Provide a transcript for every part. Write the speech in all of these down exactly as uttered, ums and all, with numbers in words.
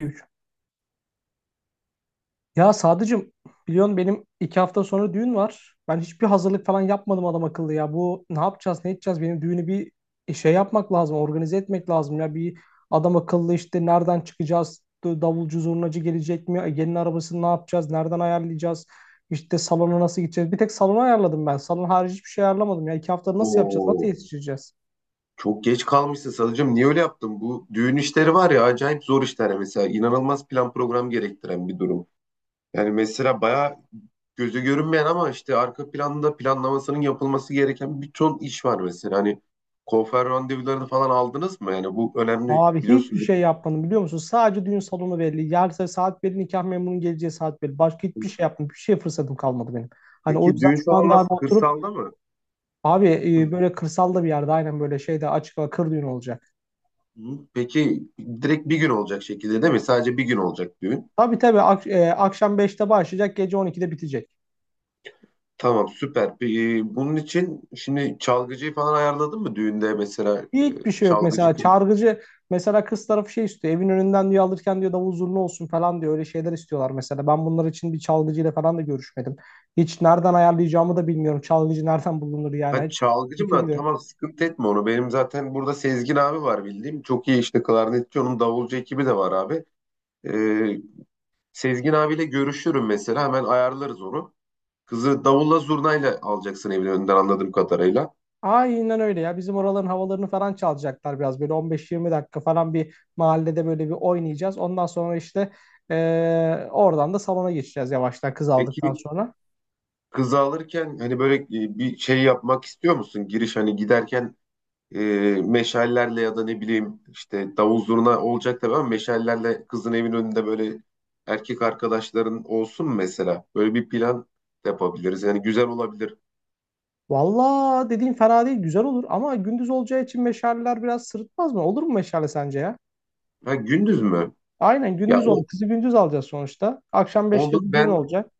Üç. Ya Sadıcığım biliyorsun benim iki hafta sonra düğün var. Ben hiçbir hazırlık falan yapmadım adam akıllı ya. Bu ne yapacağız ne edeceğiz benim düğünü bir e, şey yapmak lazım, organize etmek lazım ya. Bir adam akıllı işte nereden çıkacağız, D- davulcu zurnacı gelecek mi, gelin arabasını ne yapacağız, nereden ayarlayacağız, İşte salona nasıl gideceğiz. Bir tek salonu ayarladım, ben salon harici hiçbir şey ayarlamadım ya. İki haftada nasıl yapacağız, nasıl Oo, yetiştireceğiz? çok geç kalmışsın Sadıcığım. Niye öyle yaptın? Bu düğün işleri var ya acayip zor işler mesela. İnanılmaz plan program gerektiren bir durum. Yani mesela bayağı gözü görünmeyen ama işte arka planda planlamasının yapılması gereken bir ton iş var mesela. Hani konfer randevularını falan aldınız mı? Yani bu önemli Abi hiçbir biliyorsun. şey yapmadım, biliyor musun? Sadece düğün salonu belli. Yarın saat belli, nikah memurunun geleceği saat belli. Başka hiçbir şey yapmadım. Bir şey fırsatım kalmadı benim. Hani o Peki yüzden düğün şu salonu anda nasıl? abi oturup Kırsalda mı? abi e, Hı. böyle kırsalda bir yerde aynen böyle şeyde açık hava kır düğün olacak. Hı. Peki direkt bir gün olacak şekilde değil mi? Sadece bir gün olacak düğün. Tabii tabii ak- e, akşam beşte başlayacak, gece on ikide bitecek. Tamam süper. Peki, e, bunun için şimdi çalgıcıyı falan ayarladın mı düğünde mesela e, Hiçbir şey yok çalgıcı mesela, kim? çargıcı mesela, kız tarafı şey istiyor, evin önünden diyor alırken, diyor davul zurna olsun falan diyor, öyle şeyler istiyorlar. Mesela ben bunlar için bir çalgıcıyla falan da görüşmedim, hiç nereden ayarlayacağımı da bilmiyorum, çalgıcı nereden bulunur yani, Ha, hiç çalgıcı fikrim mı? de yok. Tamam sıkıntı etme onu. Benim zaten burada Sezgin abi var bildiğim. Çok iyi işte klarnetçi onun davulcu ekibi de var abi. E, Sezgin abiyle görüşürüm mesela hemen ayarlarız onu. Kızı davulla zurnayla alacaksın evin önünden anladığım kadarıyla. Aynen öyle ya, bizim oraların havalarını falan çalacaklar biraz, böyle on beş yirmi dakika falan bir mahallede böyle bir oynayacağız, ondan sonra işte eee, oradan da salona geçeceğiz yavaştan, kız aldıktan Peki sonra. kızı alırken hani böyle e, bir şey yapmak istiyor musun? Giriş hani giderken e, meşallerle ya da ne bileyim işte davul zurna olacak tabii ama meşallerle kızın evin önünde böyle erkek arkadaşların olsun mesela. Böyle bir plan yapabiliriz. Yani güzel olabilir. Valla dediğin fena değil, güzel olur ama gündüz olacağı için meşaleler biraz sırıtmaz mı? Olur mu meşale sence ya? Ha gündüz mü? Aynen Ya gündüz olur. o Kızı gündüz alacağız sonuçta. Akşam beşte olur bir düğün ben olacak.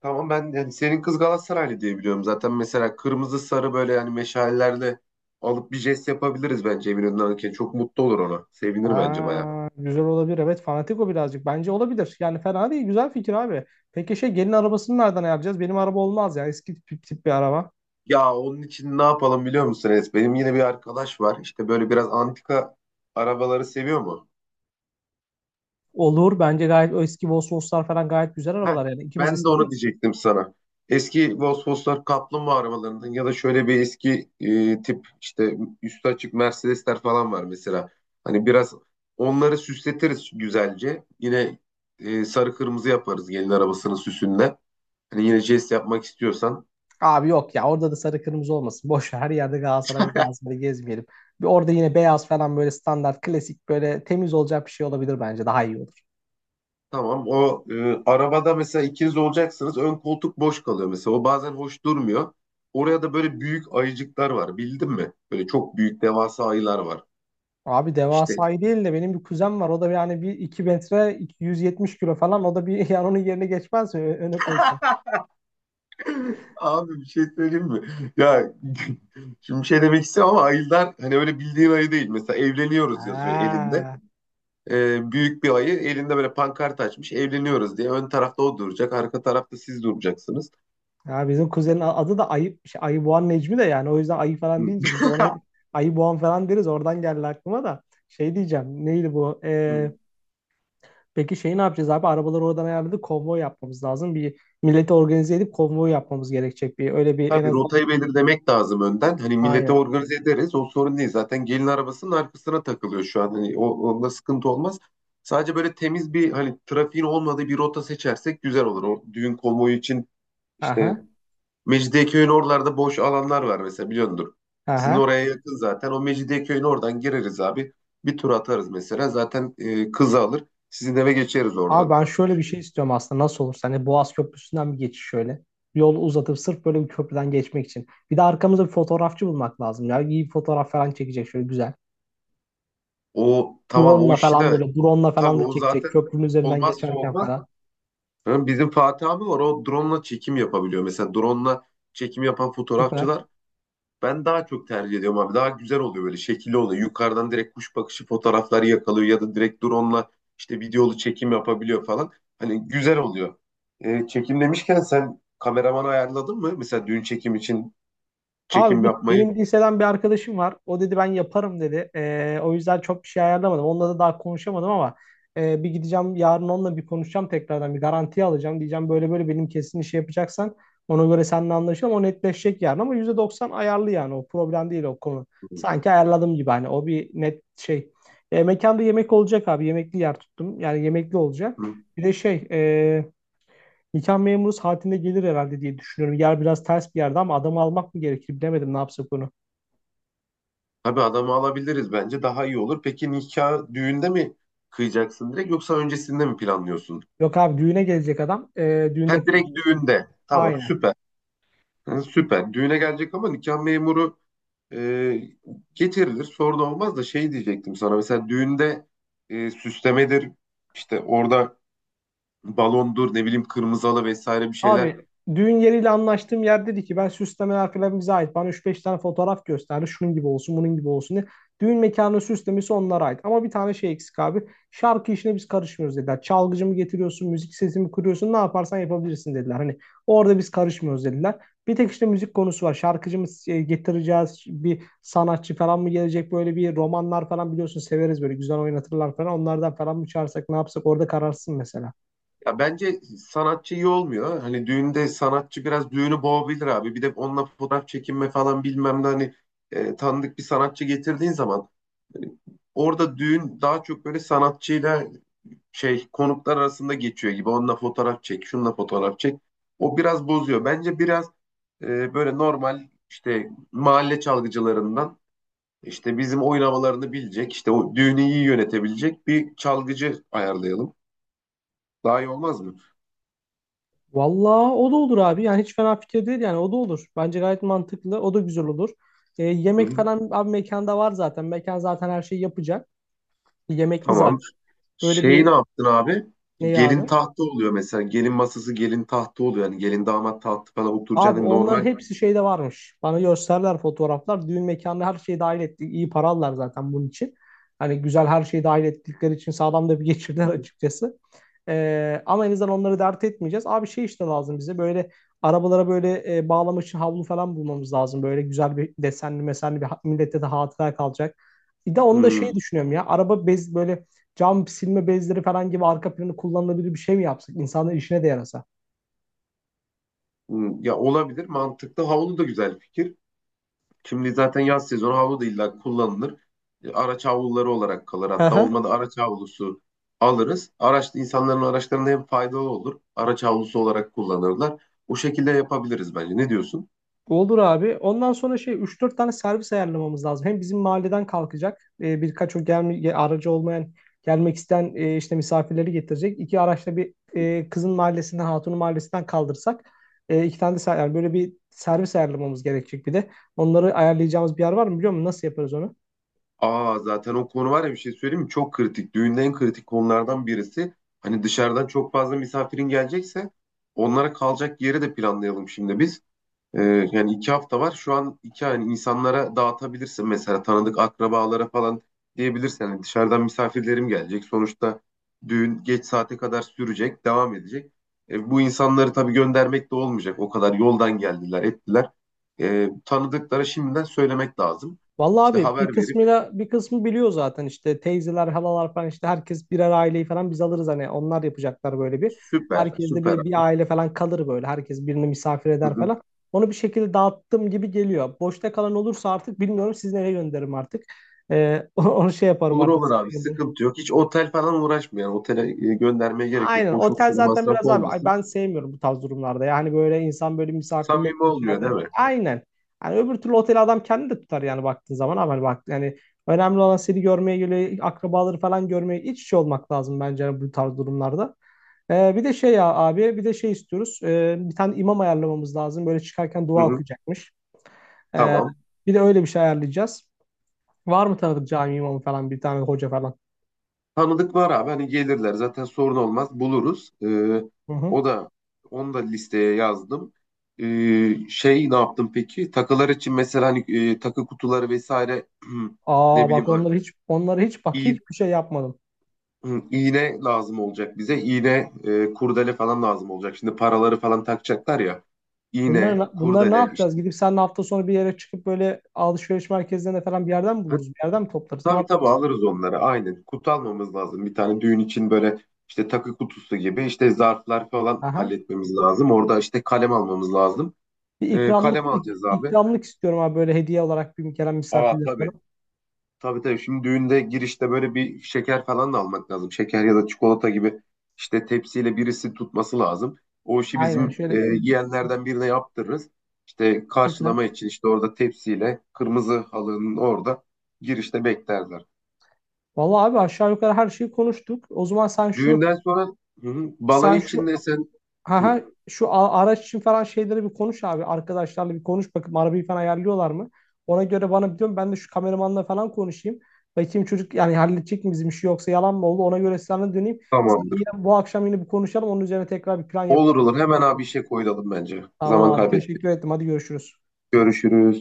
tamam ben yani senin kız Galatasaraylı diye biliyorum. Zaten mesela kırmızı sarı böyle yani meşallerle alıp bir jest yapabiliriz bence evin önünden alırken. Çok mutlu olur ona. Sevinir bence bayağı. Aa, güzel olabilir. Evet, fanatik o birazcık. Bence olabilir. Yani fena değil. Güzel fikir abi. Peki şey, gelin arabasını nereden ayarlayacağız? Benim araba olmaz ya. Eski tip, tip bir araba. Ya onun için ne yapalım biliyor musun Enes? Benim yine bir arkadaş var. İşte böyle biraz antika arabaları seviyor mu? Olur. Bence gayet, o eski Volkswagen'lar falan gayet güzel Heh, arabalar yani. İkimiz de ben de onu seviyoruz. diyecektim sana. Eski Volkswagen kaplumbağa arabalarından ya da şöyle bir eski e, tip işte üstü açık Mercedesler falan var mesela. Hani biraz onları süsletiriz güzelce. Yine e, sarı kırmızı yaparız gelin arabasının süsünde. Hani yine jest yapmak istiyorsan. Abi yok ya, orada da sarı kırmızı olmasın. Boş ver, her yerde Galatasaray Galatasaray gezmeyelim. Bir orada yine beyaz falan, böyle standart klasik böyle temiz olacak bir şey olabilir, bence daha iyi olur. Tamam. O e, arabada mesela ikiniz olacaksınız. Ön koltuk boş kalıyor mesela. O bazen hoş durmuyor. Oraya da böyle büyük ayıcıklar var. Bildin mi? Böyle çok büyük devasa ayılar var. Abi İşte devasayı değil de, benim bir kuzen var. O da yani bir iki metre, iki- yüz yetmiş kilo falan. O da bir yani onun yerine geçmez mi? Ö- Öne koysak. abi bir şey söyleyeyim mi? Ya şimdi bir şey demek istemiyorum ama ayılar hani öyle bildiğin ayı değil. Mesela evleniyoruz yazıyor Ha. elinde. E, büyük bir ayı elinde böyle pankart açmış. Evleniyoruz diye. Ön tarafta o duracak. Arka tarafta siz duracaksınız. Ya bizim kuzenin a- adı da Ayı, şey, Ayıboğan Necmi de yani. O yüzden ayı falan deyince biz de ona hep Ayıboğan falan deriz. Oradan geldi aklıma da. Şey diyeceğim. Neydi bu? Peki şey, ne yapacağız abi? Arabaları oradan ayarladık. Konvoy yapmamız lazım. Bir milleti organize edip konvoy yapmamız gerekecek. Bir öyle bir en Tabii azından rotayı bir belirlemek lazım önden. Hani millete aynen. organize ederiz. O sorun değil. Zaten gelin arabasının arkasına takılıyor şu an. Hani o, onda sıkıntı olmaz. Sadece böyle temiz bir hani trafiğin olmadığı bir rota seçersek güzel olur. O düğün konvoyu için işte Aha. Mecidiyeköy'ün oralarda boş alanlar var mesela biliyordur. Sizin Aha. oraya yakın zaten. O Mecidiyeköy'ün oradan gireriz abi. Bir tur atarız mesela. Zaten e, kızı alır. Sizin eve geçeriz Abi oradan. ben şöyle bir şey istiyorum aslında. Nasıl olursa hani, Boğaz Köprüsü'nden bir geçiş şöyle. Yol uzatıp sırf böyle bir köprüden geçmek için. Bir de arkamızda bir fotoğrafçı bulmak lazım ya. İyi bir fotoğraf falan çekecek şöyle güzel. O tamam o Drone'la işi falan, de böyle drone'la tabii falan da o çekecek. zaten Köprünün üzerinden olmazsa geçerken olmaz. falan. Ha, bizim Fatih abi var o drone'la çekim yapabiliyor. Mesela drone'la çekim yapan Süper. fotoğrafçılar ben daha çok tercih ediyorum abi. Daha güzel oluyor böyle şekilli oluyor. Yukarıdan direkt kuş bakışı fotoğrafları yakalıyor ya da direkt drone'la işte videolu çekim yapabiliyor falan. Hani güzel oluyor. Ee, çekim demişken sen kameraman ayarladın mı? Mesela düğün çekim için Abi çekim biz, yapmayı. benim liseden bir arkadaşım var. O dedi ben yaparım dedi. Ee, o yüzden çok bir şey ayarlamadım. Onunla da daha konuşamadım ama e, bir gideceğim yarın, onunla bir konuşacağım tekrardan. Bir garanti alacağım. Diyeceğim böyle böyle, benim kesin işi yapacaksan ona göre seninle anlaşalım. O netleşecek yarın ama yüzde doksan ayarlı, yani o problem değil o konu. Sanki ayarladım gibi, hani o bir net şey. E, mekanda yemek olacak abi. Yemekli yer tuttum. Yani yemekli olacak. Hı. Bir de şey e, nikah memuru saatinde gelir herhalde diye düşünüyorum. Yer biraz ters bir yerde ama adamı almak mı gerekir bilemedim, ne yapsak onu. Tabii adamı alabiliriz bence daha iyi olur. Peki nikah düğünde mi kıyacaksın direkt yoksa öncesinde mi planlıyorsun? Yok abi, düğüne gelecek adam. Ee, Ha Düğünde direkt düğünde. Tamam aynen. süper. Ha, süper. Düğüne gelecek ama nikah memuru e, getirilir. Sorun olmaz da şey diyecektim sana. Mesela düğünde e, süslemedir, işte orada balondur, ne bileyim kırmızı halı vesaire bir şeyler. Abi düğün yeriyle anlaştığım yer dedi ki ben süslemeler falan bize ait. Bana üç beş tane fotoğraf gösterdi. Şunun gibi olsun bunun gibi olsun diye. Düğün mekanının süslemesi onlara ait. Ama bir tane şey eksik abi. Şarkı işine biz karışmıyoruz dediler. Çalgıcı mı getiriyorsun, müzik sesi mi kuruyorsun, ne yaparsan yapabilirsin dediler. Hani orada biz karışmıyoruz dediler. Bir tek işte müzik konusu var. Şarkıcı mı e, getireceğiz? Bir sanatçı falan mı gelecek? Böyle bir romanlar falan biliyorsun severiz böyle. Güzel oynatırlar falan. Onlardan falan mı çağırsak, ne yapsak, orada kararsın mesela. Ya bence sanatçı iyi olmuyor. Ha. Hani düğünde sanatçı biraz düğünü boğabilir abi. Bir de onunla fotoğraf çekinme falan bilmem ne hani e, tanıdık bir sanatçı getirdiğin zaman hani orada düğün daha çok böyle sanatçıyla şey konuklar arasında geçiyor gibi. Onunla fotoğraf çek, şununla fotoğraf çek. O biraz bozuyor. Bence biraz e, böyle normal işte mahalle çalgıcılarından işte bizim oynamalarını bilecek, işte o düğünü iyi yönetebilecek bir çalgıcı ayarlayalım. Daha iyi olmaz mı? Vallahi o da olur abi. Yani hiç fena fikir değil, yani o da olur. Bence gayet mantıklı. O da güzel olur. E, Hı Yemek hı, falan abi mekanda var zaten. Mekan zaten her şeyi yapacak. Yemekli tamam. zaten. Böyle Şey ne bir, yaptın abi? ne Gelin abi? tahtı oluyor mesela. Gelin masası gelin tahtı oluyor. Yani gelin damat tahtı falan Abi oturacağını onların normal. hepsi şeyde varmış. Bana gösterdiler fotoğraflar. Düğün mekanına her şeyi dahil ettik. İyi para aldılar zaten bunun için. Hani güzel her şeyi dahil ettikleri için sağlam da bir geçirdiler açıkçası. Ee, ama en azından onları dert etmeyeceğiz. Abi şey, işte lazım bize böyle arabalara böyle e, bağlamak için havlu falan bulmamız lazım. Böyle güzel bir desenli mesenli bir ha- millete de hatıra kalacak. Bir de onu da şey Hmm, düşünüyorum ya, araba bez böyle cam silme bezleri falan gibi arka planı kullanılabilir bir şey mi yapsak? İnsanların işine de yarasa. hmm. Ya olabilir mantıklı. Havlu da güzel fikir. Şimdi zaten yaz sezonu havlu da illa kullanılır. E, araç havluları olarak kalır. Hatta olmadı araç havlusu alırız. Araç insanların araçlarına hem faydalı olur. Araç havlusu olarak kullanırlar. O şekilde yapabiliriz bence. Ne diyorsun? Olur abi. Ondan sonra şey, üç dört tane servis ayarlamamız lazım. Hem bizim mahalleden kalkacak e, birkaç o gelme, aracı olmayan gelmek isteyen e, işte misafirleri getirecek. İki araçla bir e, kızın mahallesinden, hatunun mahallesinden kaldırsak e, iki tane de ser- yani böyle bir servis ayarlamamız gerekecek bir de. Onları ayarlayacağımız bir yer var mı biliyor musun? Nasıl yaparız onu? Aa zaten o konu var ya bir şey söyleyeyim mi? Çok kritik. Düğünde en kritik konulardan birisi. Hani dışarıdan çok fazla misafirin gelecekse onlara kalacak yeri de planlayalım şimdi biz. Ee, yani iki hafta var. Şu an iki yani insanlara dağıtabilirsin mesela tanıdık akrabalara falan diyebilirsin. Yani dışarıdan misafirlerim gelecek. Sonuçta düğün geç saate kadar sürecek, devam edecek. E, bu insanları tabii göndermek de olmayacak. O kadar yoldan geldiler, ettiler. E, tanıdıklara şimdiden söylemek lazım. Vallahi İşte abi bir haber verip kısmıyla, bir kısmı biliyor zaten işte, teyzeler, halalar falan, işte herkes birer aileyi falan biz alırız hani, onlar yapacaklar böyle bir. süper, Herkes de süper. bir, bir aile falan kalır böyle. Herkes birini misafir Hı eder hı. falan. Onu bir şekilde dağıttım gibi geliyor. Boşta kalan olursa artık bilmiyorum, siz nereye gönderirim artık. Ee, onu şey yaparım Olur artık, olur sana abi gönderirim. sıkıntı yok. Hiç otel falan uğraşmayalım. Otele e, göndermeye gerek yok. Aynen. Boşu Otel boşuna zaten masraf biraz abi, ay olmasın. ben sevmiyorum bu tarz durumlarda. Yani böyle insan böyle misafirlik Samimi olmuyor değil içeride. mi? Aynen. Yani öbür türlü oteli adam kendi de tutar yani baktığın zaman, ama hani bak yani, önemli olan seni görmeye geliyor, akrabaları falan görmeye iç içe olmak lazım bence yani bu tarz durumlarda. Ee, bir de şey ya abi, bir de şey istiyoruz. Ee, bir tane imam ayarlamamız lazım. Böyle çıkarken Hı dua hı. okuyacakmış. Ee, Tamam. Bir de öyle bir şey ayarlayacağız. Var mı tanıdık cami imamı falan, bir tane hoca falan? Tanıdık var abi hani gelirler zaten sorun olmaz buluruz. Ee, Hı hı. o da onu da listeye yazdım. Ee, şey ne yaptım peki? Takılar için mesela hani e, takı kutuları vesaire ne Aa bileyim bak, onları hiç onları hiç bak iğ- hiçbir şey yapmadım. iğne lazım olacak bize. İğne, e, kurdele falan lazım olacak. Şimdi paraları falan takacaklar ya. İğne, Bunları, bunları ne kurdele işte. yapacağız? Gidip seninle hafta sonu bir yere çıkıp böyle alışveriş merkezlerine falan, bir yerden mi buluruz? Bir yerden mi toplarız? Ne Tabii tabii yaparız? alırız onları aynen. Kutu almamız lazım. Bir tane düğün için böyle işte takı kutusu gibi işte zarflar falan Aha. halletmemiz lazım. Orada işte kalem almamız lazım. Bir Ee, ikramlık kalem ik- alacağız abi. ikramlık istiyorum abi, böyle hediye olarak bir, gelen Aa misafirler tabii. falan. Tabii tabii. Şimdi düğünde girişte böyle bir şeker falan da almak lazım. Şeker ya da çikolata gibi işte tepsiyle birisi tutması lazım. O işi Aynen bizim e, şöyle yeğenlerden birine yaptırırız. İşte karşılama süper. için işte orada tepsiyle kırmızı halının orada girişte beklerler. Vallahi abi aşağı yukarı her şeyi konuştuk. O zaman sen şu Düğünden sonra hı hı, sen balayı için şu de sen ha hı, ha şu a- araç için falan şeyleri bir konuş abi. Arkadaşlarla bir konuş bakayım, arabayı falan ayarlıyorlar mı? Ona göre bana, biliyorum ben de şu kameramanla falan konuşayım. Bakayım çocuk yani halledecek mi bizim işi, yoksa yalan mı oldu? Ona göre sana döneyim. Sen de tamamdır. yine bu akşam yine bir konuşalım. Onun üzerine tekrar bir plan Olur yapalım. olur hemen abi işe koyulalım bence. Tamam Zaman abi, kaybettik. teşekkür ettim. Hadi görüşürüz. Görüşürüz.